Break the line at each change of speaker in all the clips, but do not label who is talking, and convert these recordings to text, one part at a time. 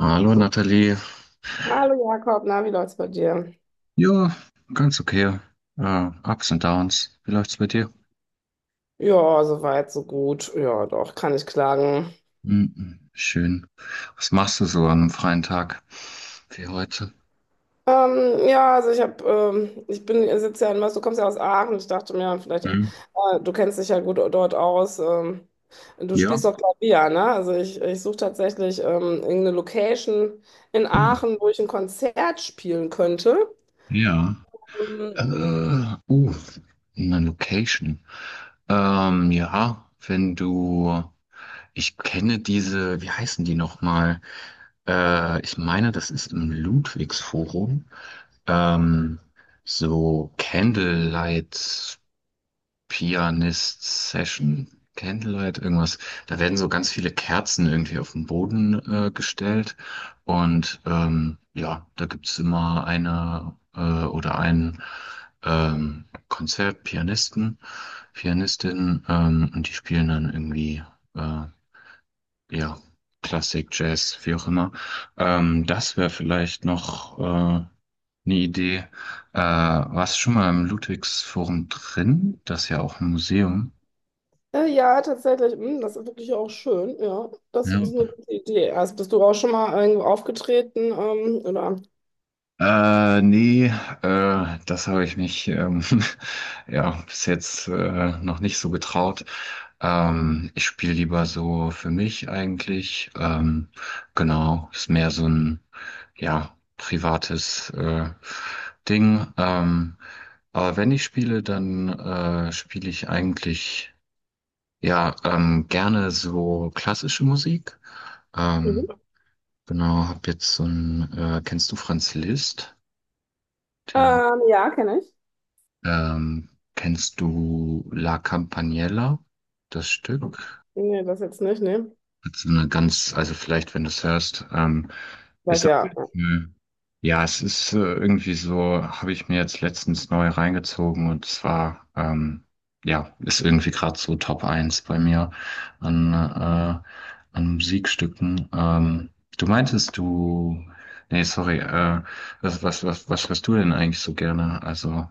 Hallo Nathalie.
Hallo Jakob, na, wie läuft's bei dir?
Ja, ganz okay. Ups und Downs. Wie läuft's bei dir?
Ja, soweit, so gut. Ja, doch, kann ich klagen.
Mhm, schön. Was machst du so an einem freien Tag wie heute?
Ja, also ich habe, ich bin, ich sitze ja in Mörs, du kommst ja aus Aachen. Ich dachte mir, vielleicht,
Mhm.
du kennst dich ja gut dort aus. Du
Ja.
spielst doch Klavier, ne? Also ich suche tatsächlich irgendeine Location in
Mhm.
Aachen, wo ich ein Konzert spielen könnte.
Ja.
Ähm,
Äh, uh, eine Location. Ja, wenn du. Ich kenne diese, wie heißen die nochmal? Ich meine, das ist im Ludwigsforum. Ähm, so Candlelight Pianist Session, Candlelight, irgendwas. Da werden so ganz viele Kerzen irgendwie auf den Boden gestellt. Und ja, da gibt's immer eine oder einen Konzertpianisten, Pianistin, und die spielen dann irgendwie äh, ja, Klassik, Jazz, wie auch immer. Das wäre vielleicht noch eine Idee. Warst du schon mal im Ludwigsforum drin? Das ist ja auch ein Museum.
ja, tatsächlich, mh, das ist wirklich auch schön. Ja, das ist
Ja.
eine gute Idee. Also bist du auch schon mal irgendwo aufgetreten, oder?
Nee, das habe ich mich ja bis jetzt noch nicht so getraut. Ich spiele lieber so für mich eigentlich. Genau, ist mehr so ein ja privates Ding. Aber wenn ich spiele, dann spiele ich eigentlich ja gerne so klassische Musik.
Mhm.
Ähm, genau, hab jetzt so ein kennst du Franz Liszt? Den,
Ja, kenne ich.
ähm, kennst du La Campaniella, das Stück?
Nee, das jetzt nicht, nee.
Hat so eine ganz, also vielleicht, wenn du es hörst,
Weil
ist auf
ja.
jeden Fall, ja, es ist irgendwie so, habe ich mir jetzt letztens neu reingezogen und zwar, ja, ist irgendwie gerade so Top eins bei mir an, an Musikstücken. Du meintest, du, nee, sorry, was hörst du denn eigentlich so gerne? Also,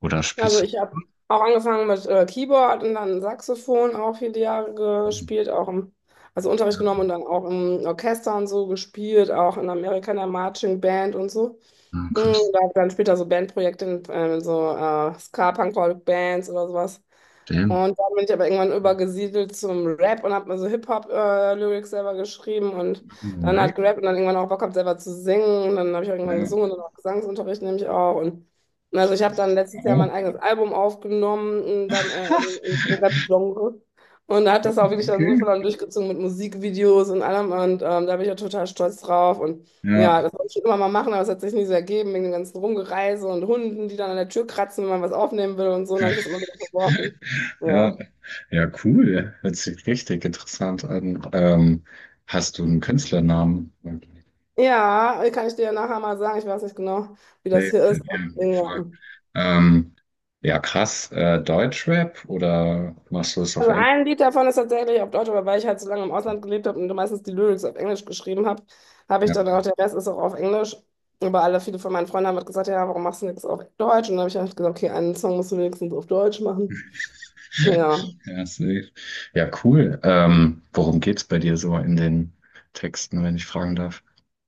oder
Also
spielst du?
ich habe auch angefangen mit Keyboard und dann Saxophon auch viele Jahre
Hm,
gespielt, also Unterricht genommen
ja,
und dann auch im Orchester und so gespielt, auch in Amerika in der Marching Band und so.
ja, krass.
Und da dann später so Bandprojekte in Ska-Punk-Rock-Bands oder sowas.
Damn.
Und dann bin ich aber irgendwann übergesiedelt zum Rap und habe mir so Hip-Hop-Lyrics selber geschrieben und
No
dann hat
way.
gerappt und dann irgendwann auch Bock gehabt, selber zu singen. Und dann habe ich auch irgendwann
Ja,
gesungen und auch Gesangsunterricht nehme ich auch. Und also ich habe
krass.
dann letztes Jahr mein
Wow.
eigenes Album aufgenommen, und dann im Rap-Genre. Und da hat das auch wirklich dann so
Okay.
voll dann durchgezogen mit Musikvideos und allem. Und da bin ich ja total stolz drauf. Und
Ja,
ja, das wollte ich schon immer mal machen, aber es hat sich nie so ergeben, wegen dem ganzen Rumgereise und Hunden, die dann an der Tür kratzen, wenn man was aufnehmen will und so. Und dann habe ich das immer wieder verworfen.
ja,
Ja.
ja, cool. Hört sich richtig interessant an. Hast du einen Künstlernamen?
Ja, kann ich dir ja nachher mal sagen. Ich weiß nicht genau, wie das
Dave,
hier ist.
ja,
Ja.
voll. Ähm, ja, krass. Deutschrap oder machst du es auf
Also
Englisch?
ein Lied davon ist tatsächlich auf Deutsch, aber weil ich halt so lange im Ausland gelebt habe und meistens die Lyrics auf Englisch geschrieben habe, habe ich
Ja,
dann auch, der Rest ist auch auf Englisch. Aber alle, viele von meinen Freunden haben halt gesagt, ja, warum machst du nichts auf Deutsch? Und dann habe ich halt gesagt, okay, einen Song musst du wenigstens auf Deutsch machen. Ja,
ja, safe. Ja, cool. Worum geht's bei dir so in den Texten, wenn ich fragen darf?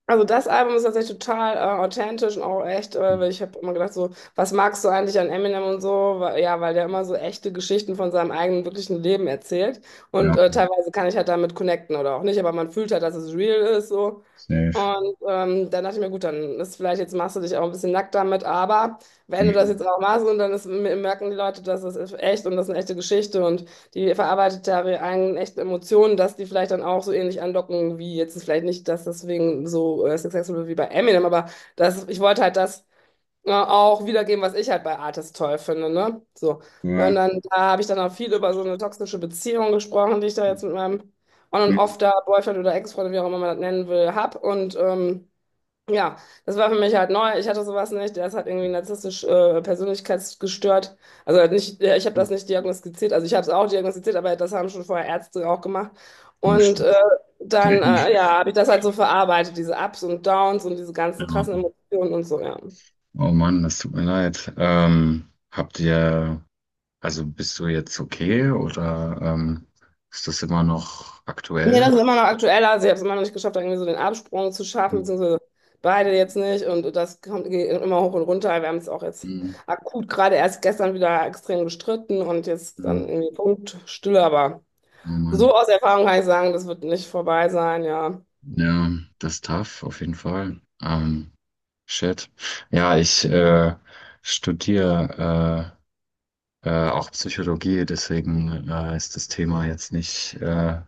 also das Album ist tatsächlich total authentisch und auch echt,
Hm.
weil ich habe immer gedacht so, was magst du eigentlich an Eminem und so? Weil, ja, weil der immer so echte Geschichten von seinem eigenen wirklichen Leben erzählt und
Ja,
teilweise kann ich halt damit connecten oder auch nicht, aber man fühlt halt, dass es real ist so
safe.
und dann dachte ich mir, gut, dann ist vielleicht, jetzt machst du dich auch ein bisschen nackt damit, aber wenn du das
Mhm.
jetzt auch machst und dann ist, merken die Leute, dass es ist echt und das ist eine echte Geschichte und die verarbeitet da ihre eigenen echten Emotionen, dass die vielleicht dann auch so ähnlich andocken, wie jetzt vielleicht nicht, dass deswegen so successful wie bei Eminem, aber das, ich wollte halt das ja, auch wiedergeben, was ich halt bei Artis toll finde, ne? So. Und dann da habe ich dann auch viel über so eine toxische Beziehung gesprochen, die ich da jetzt mit meinem On- und Off da, Boyfriend oder Ex-Freund, wie auch immer man das nennen will, hab. Und ja, das war für mich halt neu. Ich hatte sowas nicht. Der ist halt irgendwie narzisstisch persönlichkeitsgestört. Also halt nicht, ja, ich habe das nicht diagnostiziert. Also ich habe es auch diagnostiziert, aber das haben schon vorher Ärzte auch gemacht. Und äh,
Ja.
ja, habe ich das halt so verarbeitet, diese Ups und Downs und diese ganzen krassen Emotionen und so, ja.
Oh Mann, das tut mir leid. Habt ihr, also bist du jetzt okay oder ist das immer noch
Nee,
aktuell?
das ist immer noch aktueller. Also ich habe es immer noch nicht geschafft, da irgendwie so den Absprung zu schaffen, beziehungsweise beide jetzt nicht. Und das kommt geht immer hoch und runter. Wir haben es auch jetzt
Mhm.
akut gerade erst gestern wieder extrem gestritten und jetzt dann
Mhm.
irgendwie Punktstille. Aber
Oh Mann.
so aus Erfahrung kann ich sagen, das wird nicht vorbei sein, ja.
Ja, das ist tough, auf jeden Fall. Shit. Ja, ich studiere auch Psychologie, deswegen ist das Thema jetzt nicht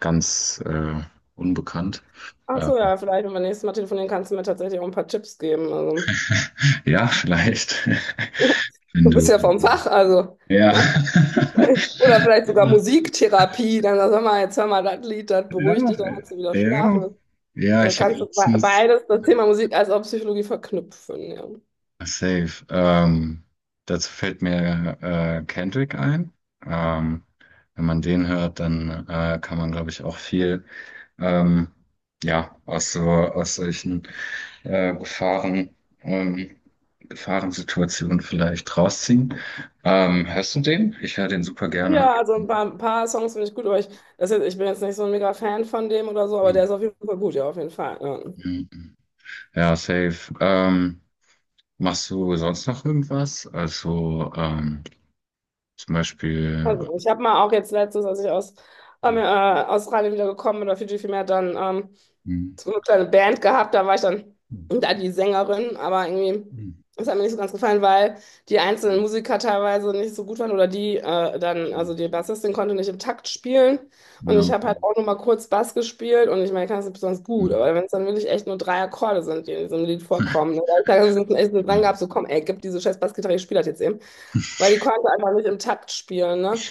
ganz unbekannt.
Ach so,
Ähm,
ja, vielleicht, wenn wir nächstes Mal telefonieren, kannst du mir tatsächlich auch ein paar Tipps geben. Also,
Ja, vielleicht. Wenn
du bist
du
ja vom Fach, also,
ja.
ja. Oder vielleicht sogar Musiktherapie. Dann sag mal, jetzt hör mal das Lied, das
Ja,
beruhigt dich, dann kannst du wieder
ja.
schlafen.
Ja,
Da
ich habe
kannst du
letztens
beides, das Thema Musik als auch Psychologie verknüpfen, ja.
safe. Dazu fällt mir Kendrick ein. Ähm, Wenn man den hört, dann kann man, glaube ich, auch viel ähm, ja, aus so aus solchen Gefahren, ähm, Gefahrensituationen vielleicht rausziehen. Hörst du den? Ich höre den super gerne.
Ja, also ein paar Songs finde ich gut, aber ich, das jetzt, ich bin jetzt nicht so ein mega Fan von dem oder so, aber der
Hm,
ist auf jeden Fall gut, ja, auf jeden Fall. Ja.
hm, hm. Ja, safe. Machst du sonst noch irgendwas? Also zum Beispiel.
Also ich habe mal auch jetzt letztens, als ich aus ähm,
Hm,
äh, Australien wieder gekommen bin, oder Fiji vielmehr, dann
hm,
so eine kleine Band gehabt, da war ich dann
hm,
da die Sängerin, aber irgendwie,
hm,
das hat mir nicht so ganz gefallen, weil die
hm,
einzelnen Musiker teilweise nicht so gut waren oder also die
hm.
Bassistin konnte nicht im Takt spielen und ich
Ja.
habe halt auch nur mal kurz Bass gespielt und ich meine, ich kann es nicht besonders
Hm,
gut, aber
hm.
wenn es dann wirklich echt nur drei Akkorde sind, die in diesem Lied vorkommen, ne, da habe ich da echt dran gehabt, so komm, ey, gib diese scheiß Bassgitarre, ich spiele das jetzt eben, weil die konnte einfach nicht im Takt spielen, ne?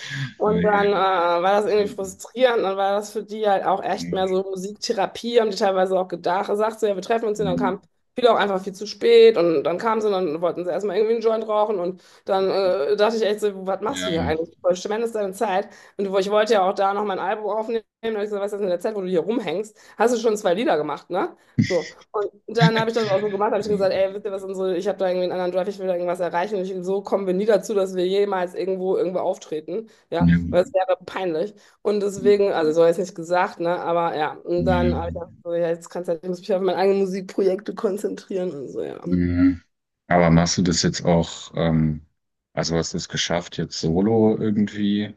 Ja,
Und dann
je.
war das irgendwie
Hm,
frustrierend, dann war das für die halt auch echt mehr so
hm,
Musiktherapie, haben die teilweise auch gedacht, sagt so, ja, wir treffen uns hier, dann kam
hm.
viele auch einfach viel zu spät und dann kamen sie und dann wollten sie erstmal irgendwie einen Joint rauchen und dann dachte ich echt so, was machst du
Ja,
hier
hm,
eigentlich? Du verschwendest deine Zeit und ich wollte ja auch da noch mein Album aufnehmen, und hab ich gesagt, was ist das in der Zeit, wo du hier rumhängst, hast du schon zwei Lieder gemacht, ne? So, und dann habe ich das auch so gemacht, habe ich gesagt, ey,
hm.
wisst ihr was, unsere, ich habe da irgendwie einen anderen Drive, ich will da irgendwas erreichen. Und ich, so kommen wir nie dazu, dass wir jemals irgendwo auftreten, ja,
Ja,
weil es
hm,
wäre peinlich. Und deswegen,
hm.
also so habe ich es nicht gesagt, ne, aber ja, und
Ja.
dann habe ich gesagt, so, ja, jetzt kannst du halt, ich muss mich auf meine eigenen Musikprojekte konzentrieren und so, ja.
Mhm. Aber machst du das jetzt auch, also hast du es geschafft, jetzt solo irgendwie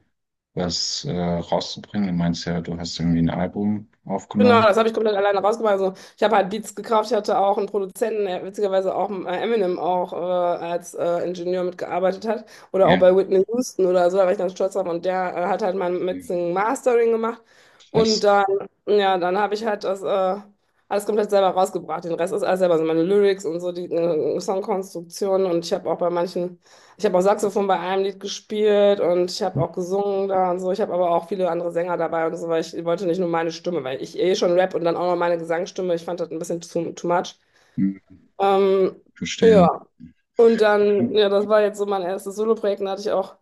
was rauszubringen? Du meinst ja, du hast irgendwie ein Album
Genau,
aufgenommen.
das habe ich komplett alleine rausgemacht. Also, ich habe halt Beats gekauft. Ich hatte auch einen Produzenten, der witzigerweise auch Eminem auch als Ingenieur mitgearbeitet hat. Oder auch
Ja,
bei Whitney Houston oder so, da war ich ganz stolz drauf. Und der hat halt mein Mixing Mastering gemacht. Und
fast
dann, ja, dann habe ich halt das alles komplett selber rausgebracht. Den Rest ist alles selber, also meine Lyrics und so, die Songkonstruktion. Und ich habe auch bei manchen. Ich habe auch Saxophon bei einem Lied gespielt und ich habe auch gesungen da und so. Ich habe aber auch viele andere Sänger dabei und so, weil ich wollte nicht nur meine Stimme, weil ich eh schon Rap und dann auch noch meine Gesangsstimme. Ich fand das ein bisschen too much.
mhm.
Ähm,
Verstehen.
ja, und dann, ja, das war jetzt so mein erstes Soloprojekt. Da hatte ich auch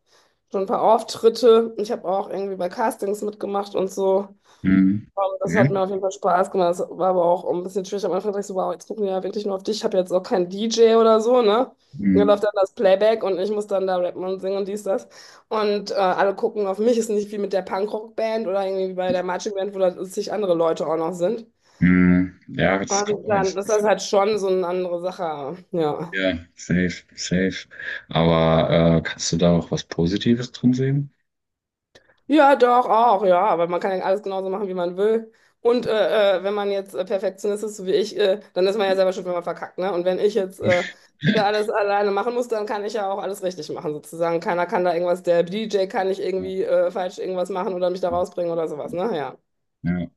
schon ein paar Auftritte. Ich habe auch irgendwie bei Castings mitgemacht und so.
Mhm.
Das
Ja.
hat mir auf jeden Fall Spaß gemacht. Das war aber auch ein bisschen schwierig. Am Anfang dachte ich so, wow, jetzt gucken die ja wirklich nur auf dich. Ich habe jetzt auch keinen DJ oder so, ne? Und dann
Mhm.
läuft dann das Playback und ich muss dann da rappen und singen und dies, das. Und alle gucken auf mich. Ist nicht wie mit der Punkrock-Band oder irgendwie wie bei der Marching Band, wo da zig andere Leute auch noch sind.
Mhm. Ja, das kann
Und dann
ich.
ist
Das-
das halt schon so eine andere Sache. Ja.
Ja, safe, safe. Aber kannst du da auch was Positives drin sehen?
Ja, doch, auch, ja, aber man kann ja alles genauso machen, wie man will. Und wenn man jetzt Perfektionist ist, so wie ich, dann ist man ja selber schuld, wenn man verkackt, ne? Und wenn ich jetzt da alles alleine machen muss, dann kann ich ja auch alles richtig machen, sozusagen. Keiner kann da irgendwas, der DJ kann nicht
Ja.
irgendwie falsch irgendwas machen oder mich da rausbringen oder sowas, ne? Ja.
Ja.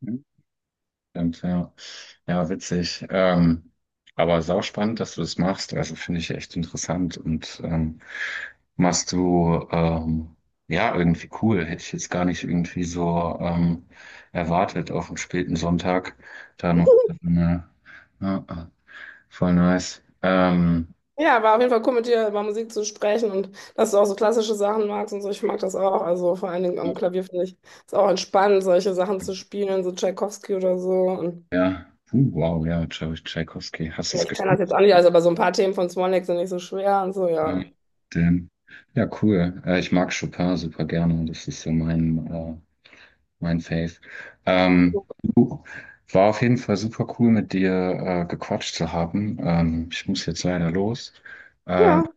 Stimmt, ja. Ja, witzig. Aber sauspannend, dass du das machst. Also finde ich echt interessant und machst du ja irgendwie cool. Hätte ich jetzt gar nicht irgendwie so erwartet auf einen späten Sonntag. Da noch so eine, ja, ah, voll nice.
Ja, war auf jeden Fall cool, mit dir über Musik zu sprechen und dass du auch so klassische Sachen magst und so. Ich mag das auch. Also vor allen Dingen am Klavier finde ich es auch entspannend, solche Sachen zu spielen, so Tchaikovsky oder so. Und
Ja, Puh, wow, ja, Tscha- Tschaikowski. Hast du
ja,
es
ich kann das
gespielt?
jetzt auch nicht, also aber so ein paar Themen von Swan Lake sind nicht so schwer und so, ja.
Ja, den. Ja, cool. Ich mag Chopin super gerne. Das ist so mein Faith. Ähm, War auf jeden Fall super cool, mit dir gequatscht zu haben. Ich muss jetzt leider los. Äh,
Ja,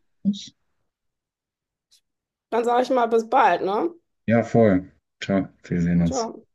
dann sage ich mal bis bald, ne?
ja, voll. Ciao, wir sehen uns.
Ciao.